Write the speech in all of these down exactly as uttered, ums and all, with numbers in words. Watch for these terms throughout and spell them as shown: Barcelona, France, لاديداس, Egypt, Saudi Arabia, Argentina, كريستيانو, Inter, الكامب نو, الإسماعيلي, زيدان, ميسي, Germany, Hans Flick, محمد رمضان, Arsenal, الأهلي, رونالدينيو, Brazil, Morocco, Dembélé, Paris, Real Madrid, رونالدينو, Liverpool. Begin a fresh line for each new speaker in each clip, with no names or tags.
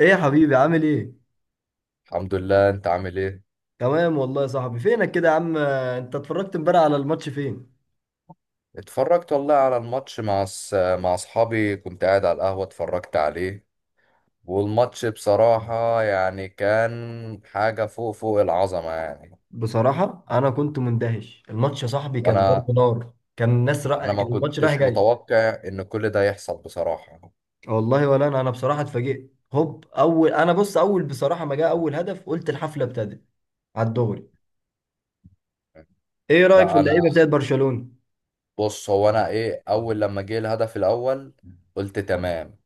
ايه يا حبيبي عامل ايه؟
الحمد لله، انت عامل ايه؟
تمام والله يا صاحبي. فينك كده يا عم؟ انت اتفرجت امبارح على الماتش فين؟
اتفرجت والله على الماتش مع س... مع اصحابي كنت قاعد على القهوة اتفرجت عليه. والماتش بصراحة يعني كان حاجة فوق فوق العظمة يعني.
بصراحة انا كنت مندهش، الماتش يا صاحبي كان
وانا
ضرب نار، كان الناس رأ...
انا ما
كان الماتش رايح
كنتش
جاي.
متوقع ان كل ده يحصل بصراحة.
والله ولا انا انا بصراحة اتفاجئت. هوب اول، انا بص اول بصراحة ما جاء اول هدف قلت الحفلة ابتدت على الدغري. ايه رأيك في
لا انا،
اللعيبة بتاعت برشلونة؟
بص، هو انا ايه، اول لما جه الهدف الاول قلت تمام.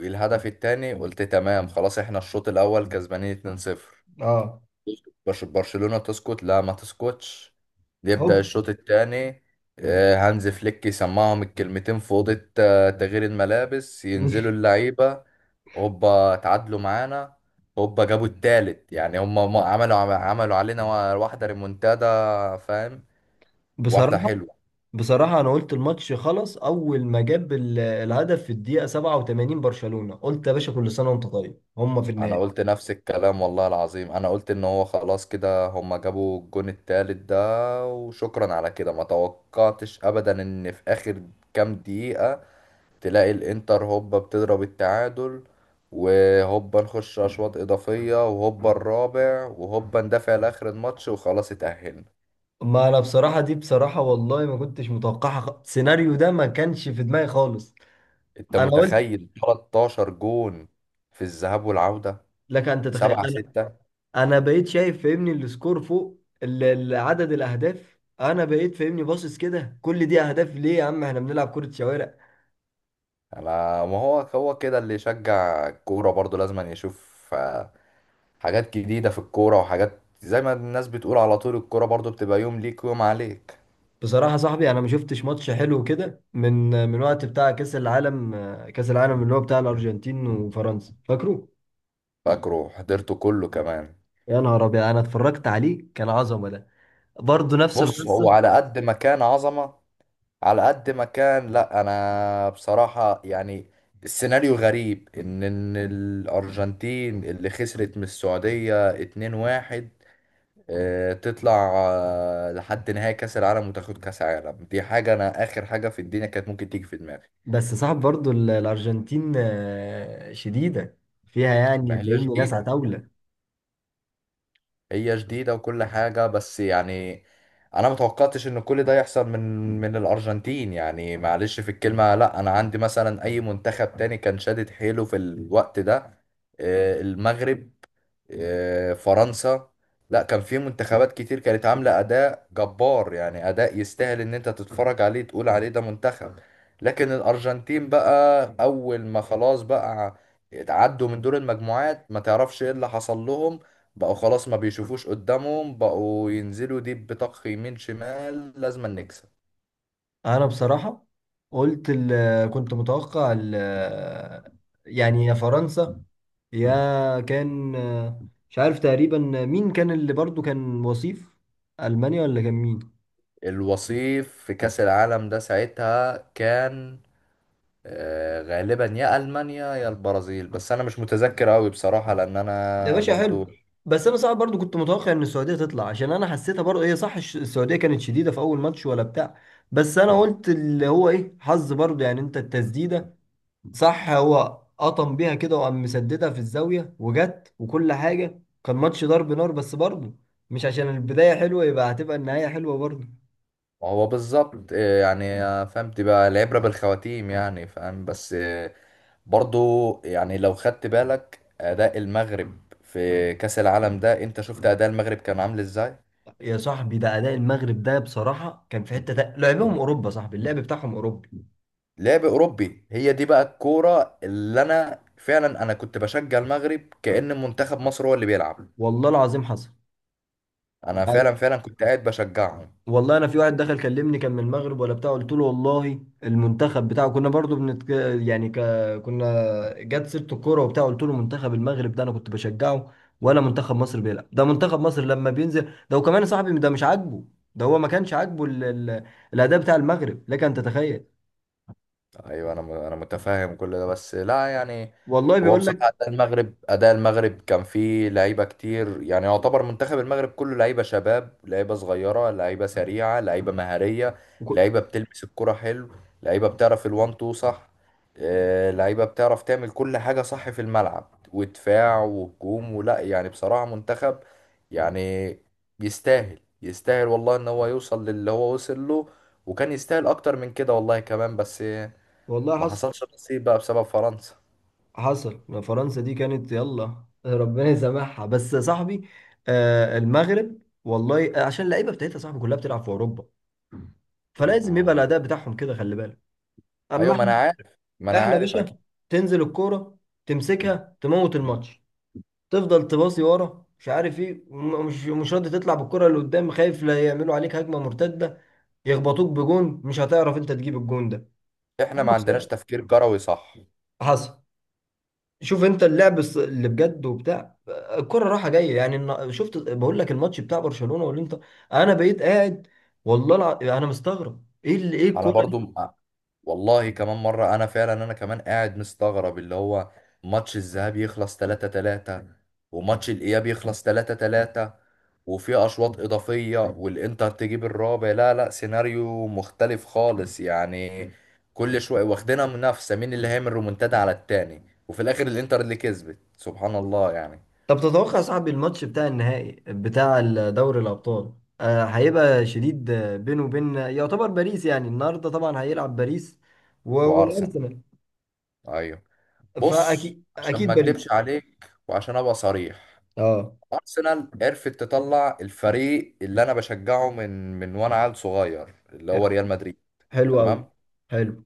الهدف التاني قلت تمام، خلاص احنا الشوط الاول كسبانين اتنين صفر.
اه.
برش- برشلونة تسكت؟ لا ما تسكتش. يبدأ
هوب.
الشوط الثاني، هانز فليك يسمعهم الكلمتين في أوضة آه، تغيير الملابس، ينزلوا اللعيبة. هوبا تعادلوا معانا، هوبا جابوا التالت. يعني هم ما- عملوا عملوا علينا وا- واحدة ريمونتادا، فاهم؟ واحدة
بصراحة
حلوة.
بصراحة أنا قلت الماتش خلص أول ما جاب ال- الهدف في الدقيقة سبعة وثمانين، برشلونة، قلت يا باشا كل سنة وأنت طيب، هما في
أنا
النهائي.
قلت نفس الكلام والله العظيم، أنا قلت إن هو خلاص كده، هم جابوا الجون التالت ده وشكرا على كده. ما توقعتش أبدا إن في آخر كام دقيقة تلاقي الانتر هوبا بتضرب التعادل، وهوبا نخش اشواط اضافيه، وهوبا الرابع، وهوبا ندافع لاخر الماتش وخلاص اتاهلنا.
ما أنا بصراحة دي، بصراحة والله ما كنتش متوقعها. خ- السيناريو ده ما كانش في دماغي خالص.
انت
أنا قلت،
متخيل ثلاثة عشر جون في الذهاب والعوده؟
لك أن تتخيل.
7
أنا
6
أنا بقيت شايف فاهمني السكور فوق ال- ال- عدد الأهداف، أنا بقيت فاهمني باصص كده، كل دي أهداف ليه يا عم؟ إحنا بنلعب كرة شوارع.
انا، ما هو هو كده اللي يشجع الكوره برضه، لازم أن يشوف آه، حاجات جديده في الكوره، وحاجات زي ما الناس بتقول، على طول الكوره برضه بتبقى يوم ليك ويوم عليك.
بصراحة صاحبي أنا ما شفتش ماتش حلو كده من، من وقت بتاع كأس العالم، كأس العالم اللي هو بتاع الأرجنتين وفرنسا، فاكره؟
فاكره، حضرته كله كمان.
يا نهار أبيض، أنا اتفرجت عليه كان عظمة ده، برضه نفس
بص،
القصة.
هو على قد ما كان عظمة، على قد ما كان، لا انا بصراحة يعني السيناريو غريب، ان ان الارجنتين اللي خسرت من السعودية اتنين واحد آه، تطلع آه، لحد نهائي كاس العالم وتاخد كاس عالم، دي حاجة انا اخر حاجة في الدنيا كانت ممكن تيجي في دماغي.
بس صاحب برضه ال- الأرجنتين آه، شديدة، فيها
ما
يعني
هي
فاهمني ناس
جديدة،
عتاولة.
هي جديدة وكل حاجة، بس يعني أنا متوقعتش إن كل ده يحصل من من الأرجنتين. يعني معلش في الكلمة، لأ، أنا عندي مثلا أي منتخب تاني كان شادد حيله في الوقت ده، آه، المغرب، آه، فرنسا. لا، كان في منتخبات كتير كانت عاملة أداء جبار، يعني أداء يستاهل إن أنت تتفرج عليه تقول عليه ده منتخب. لكن الأرجنتين بقى، أول ما خلاص بقى عدوا من دور المجموعات ما تعرفش إيه اللي حصل لهم، بقوا خلاص ما بيشوفوش قدامهم، بقوا ينزلوا ديب بطخ يمين شمال لازم نكسب.
أنا بصراحة قلت ال- كنت متوقع ال- يعني يا فرنسا يا كان، آه، مش عارف تقريبا مين كان اللي برضه كان وصيف، ألمانيا ولا كان مين؟
الوصيف في كأس العالم ده ساعتها كان آه، غالبا يا المانيا يا البرازيل، بس انا مش متذكر قوي بصراحه لان
يا
انا
باشا
برضو.
حلو. بس انا صعب برضو، كنت متوقع ان السعوديه تطلع، عشان انا حسيتها برضو هي صح، الش- السعوديه كانت شديده في اول ماتش ولا بتاع. بس انا قلت اللي هو ايه حظ برضو يعني، انت التسديده صح، هو قطم بيها كده وقام مسددها في الزاويه وجت، وكل حاجه كان ماتش ضرب نار. بس برضو مش عشان البدايه حلوه يبقى هتبقى النهايه حلوه برضو.
ما هو بالظبط آه، يعني آه، فهمت بقى، العبره بالخواتيم يعني، فاهم؟ بس آه، برضو يعني لو خدت بالك اداء المغرب في كاس العالم ده، انت شفت اداء المغرب كان عامل ازاي.
يا صاحبي ده اداء المغرب ده بصراحه كان في حته، تا- لعبهم اوروبا صاحبي، اللعب بتاعهم اوروبي.
لعب اوروبي، هي دي بقى الكوره اللي انا فعلا انا كنت بشجع المغرب كأن منتخب مصر هو اللي بيلعب.
والله العظيم حصل.
انا فعلا فعلا كنت قاعد بشجعهم.
والله انا في واحد دخل كلمني كان من المغرب ولا بتاع، قلت له والله المنتخب بتاعه كنا برضو بنت، يعني ك... كنا، جت سيره الكوره وبتاع، قلت له منتخب المغرب ده انا كنت بشجعه ولا منتخب مصر بيلعب، ده منتخب مصر لما بينزل ده، وكمان يا صاحبي ده مش عاجبه، ده هو ما كانش عاجبه ال... ال... الاداء بتاع المغرب، لك ان تتخيل.
ايوه انا م- انا متفاهم كل ده، بس لا يعني.
والله
هو
بيقول
بصراحه
لك.
اداء المغرب، اداء المغرب كان فيه لعيبه كتير، يعني يعتبر منتخب المغرب كله لعيبه شباب، لعيبه صغيره، لعيبه سريعه، لعيبه مهاريه،
وك-
لعيبه بتلمس الكره حلو، لعيبه بتعرف الوان تو صح، آه، لعيبه بتعرف تعمل كل حاجه صح في الملعب، ودفاع وهجوم. ولا يعني بصراحه منتخب يعني يستاهل، يستاهل والله ان هو يوصل للي هو وصل له، وكان يستاهل اكتر من كده والله كمان، بس
والله
ما
حصل.
حصلش نصيب بقى بسبب فرنسا.
حصل. فرنسا دي كانت يلا ربنا يسامحها، بس يا صاحبي آه المغرب، والله عشان اللعيبه بتاعتها يا صاحبي كلها بتلعب في اوروبا، فلازم يبقى
مم.
الاداء بتاعهم كده، خلي بالك. اما
ايوه، ما انا
احنا،
عارف، ما انا
احنا يا
عارف
باشا
اكيد.
تنزل الكوره تمسكها تموت الماتش، تفضل تباصي ورا مش عارف ايه، وم- مش مش راضي تطلع بالكره اللي قدام، خايف لا يعملوا عليك هجمه مرتده يخبطوك بجون مش هتعرف انت تجيب الجون ده.
احنا
أنا
ما عندناش
بصراحة
تفكير كروي، صح.
حصل. شوف انت اللعب الص- اللي بجد وبتاع، الكرة رايحة جاية يعني، النا- شفت بقول لك الماتش بتاع برشلونة والانتر، انا بقيت قاعد والله الع... انا مستغرب ايه اللي ايه
انا
الكرة.
برضو م- والله كمان مره انا فعلا، انا كمان قاعد مستغرب اللي هو ماتش الذهاب يخلص تلاتة تلاتة، وماتش الاياب يخلص تلاتة تلاتة، وفي اشواط اضافيه والانتر تجيب الرابع. لا لا، سيناريو مختلف خالص يعني، كل شويه واخدينها منافسه مين اللي هيعمل رومونتادا على التاني، وفي الاخر الانتر اللي كسبت، سبحان الله يعني.
طب تتوقع يا صاحبي الماتش بتاع النهائي بتاع دوري الأبطال آه، هيبقى شديد؟ آه، بينه وبين يعتبر باريس، يعني النهارده طبعا هيلعب باريس و-
وارسنال،
والأرسنال.
ايوه. بص،
فأكيد
عشان ما
أكيد باريس.
اكدبش عليك وعشان ابقى صريح،
اه.
ارسنال عرفت تطلع الفريق اللي انا بشجعه من من وانا عيل صغير، اللي هو ريال مدريد.
حلو أوي.
تمام،
حلو.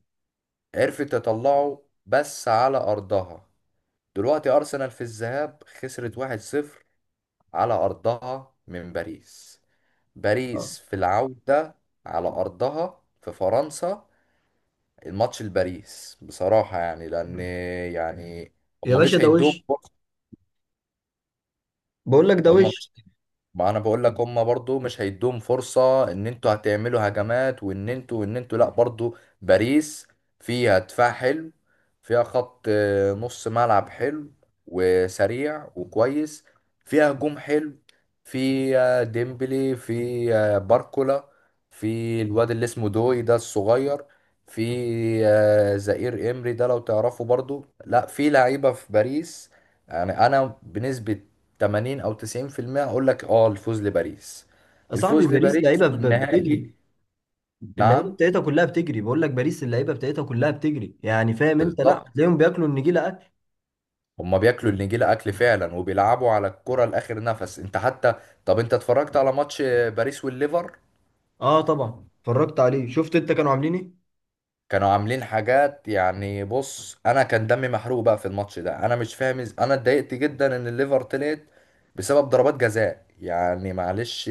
عرفت تطلعه بس على ارضها. دلوقتي ارسنال في الذهاب خسرت واحد صفر على ارضها من باريس،
اه،
باريس في العودة على ارضها في فرنسا، الماتش لباريس بصراحة يعني، لان يعني
يا
هما
باشا
مش
ده
هيدوهم
وش،
فرصة.
بقول لك ده
هما
وش.
مش ما انا بقول لك، هما برضو مش هيدوهم فرصة ان انتوا هتعملوا هجمات، وان انتوا وان انتوا لا برضو. باريس فيها دفاع حلو، فيها خط آه، نص ملعب حلو وسريع وكويس، فيها هجوم حلو، في آه، ديمبلي، في آه، باركولا، في الواد اللي اسمه دوي ده الصغير، في آه، زائير امري ده لو تعرفه برضو. لا، في لعيبة في باريس، يعني انا بنسبة تمانين او تسعين في المية اقول لك اه الفوز لباريس.
يا صاحبي
الفوز
باريس
لباريس
لعيبة، ب- بتجري
والنهائي،
اللعيبة
نعم.
بتاعتها كلها بتجري، بقول لك باريس اللعيبة بتاعتها كلها بتجري، يعني فاهم انت، لا
بالظبط،
هتلاقيهم بياكلوا النجيلة أكل.
هما بياكلوا النجيلة اكل فعلا وبيلعبوا على الكرة لاخر نفس. انت حتى طب، انت اتفرجت على ماتش باريس والليفر؟
اه طبعا اتفرجت عليه، شفت انت كانوا عاملين ايه.
كانوا عاملين حاجات يعني. بص، انا كان دمي محروق بقى في الماتش ده، انا مش فاهم إز... انا اتضايقت جدا ان الليفر طلعت بسبب ضربات جزاء، يعني معلش.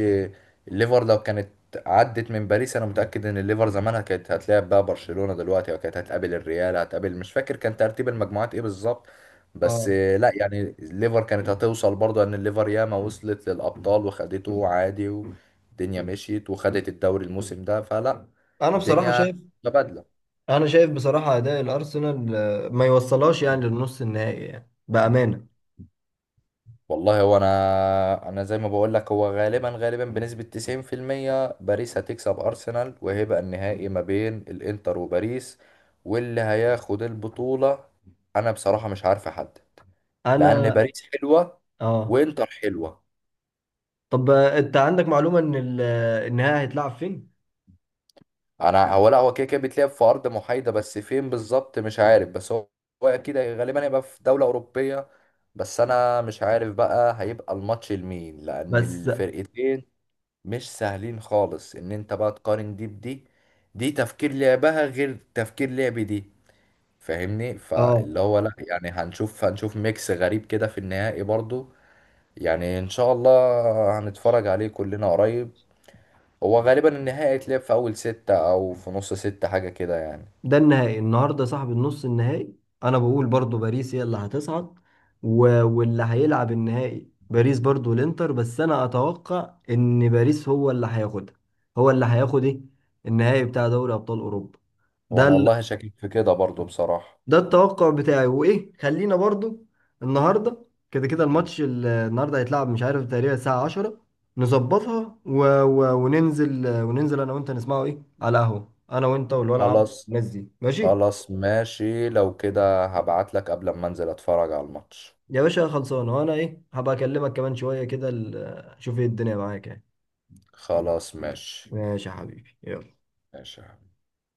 الليفر لو كانت عدت من باريس، انا متأكد ان الليفر زمانها كانت هتلاعب بقى برشلونة دلوقتي، او كانت هتقابل الريال، هتقابل مش فاكر كان ترتيب المجموعات ايه بالظبط. بس
اه
لا يعني الليفر كانت هتوصل برضه، ان الليفر ياما وصلت للابطال وخدته عادي، والدنيا مشيت وخدت الدوري الموسم ده، فلا،
انا بصراحة
الدنيا
شايف،
متبادلة.
انا شايف بصراحه اداء الارسنال آه، ما يوصلهاش يعني للنص النهائي يعني بامانه.
والله هو انا، انا زي ما بقول لك، هو غالبا غالبا بنسبة تسعين في المية باريس هتكسب ارسنال، وهيبقى النهائي ما بين الانتر وباريس. واللي هياخد البطولة انا بصراحة مش عارف احدد،
انا
لان مم. باريس حلوة
اه.
وانتر حلوة.
طب آه، انت عندك معلومه ان ال- آه، النهائي هيتلعب فين؟
انا هو، لا هو كده كده بيتلعب في ارض محايدة، بس فين بالظبط مش عارف، بس هو، هو اكيد غالبا هيبقى في دولة اوروبية. بس انا مش عارف بقى هيبقى الماتش لمين، لان
بس
الفرقتين مش سهلين خالص ان انت بقى تقارن دي بدي، دي تفكير لعبها غير تفكير لعب دي، فاهمني؟
اه،
فاللي هو لا يعني، هنشوف، هنشوف ميكس غريب كده في النهائي برضو، يعني ان شاء الله هنتفرج عليه كلنا قريب. هو غالبا النهائي اتلعب في اول ستة او في نص ستة، حاجة كده يعني.
ده النهائي النهارده صاحب، النص النهائي. انا بقول برضو باريس هي اللي هتصعد، و... واللي هيلعب النهائي باريس برضو الانتر، بس انا اتوقع ان باريس هو اللي هياخدها. هو اللي هياخد ايه؟ النهائي بتاع دوري ابطال اوروبا ده.
وانا والله شاكك في كده برضو بصراحة.
ده التوقع بتاعي. وايه، خلينا برضو النهارده كده كده الماتش ال- النهارده هيتلعب مش عارف تقريبا الساعة عشرة، نظبطها و... و... وننزل، وننزل انا وانت نسمعه ايه على قهوة انا وانت والولد عم
خلاص.
الناس دي، ماشي؟
خلاص ماشي، لو كده هبعت لك قبل ما انزل اتفرج على الماتش.
يا باشا خلصانه. وانا ايه هبقى اكلمك كمان شوية كده، ال- شوف ايه الدنيا معاك يعني.
خلاص ماشي.
ماشي يا حبيبي، يلا.
ماشي.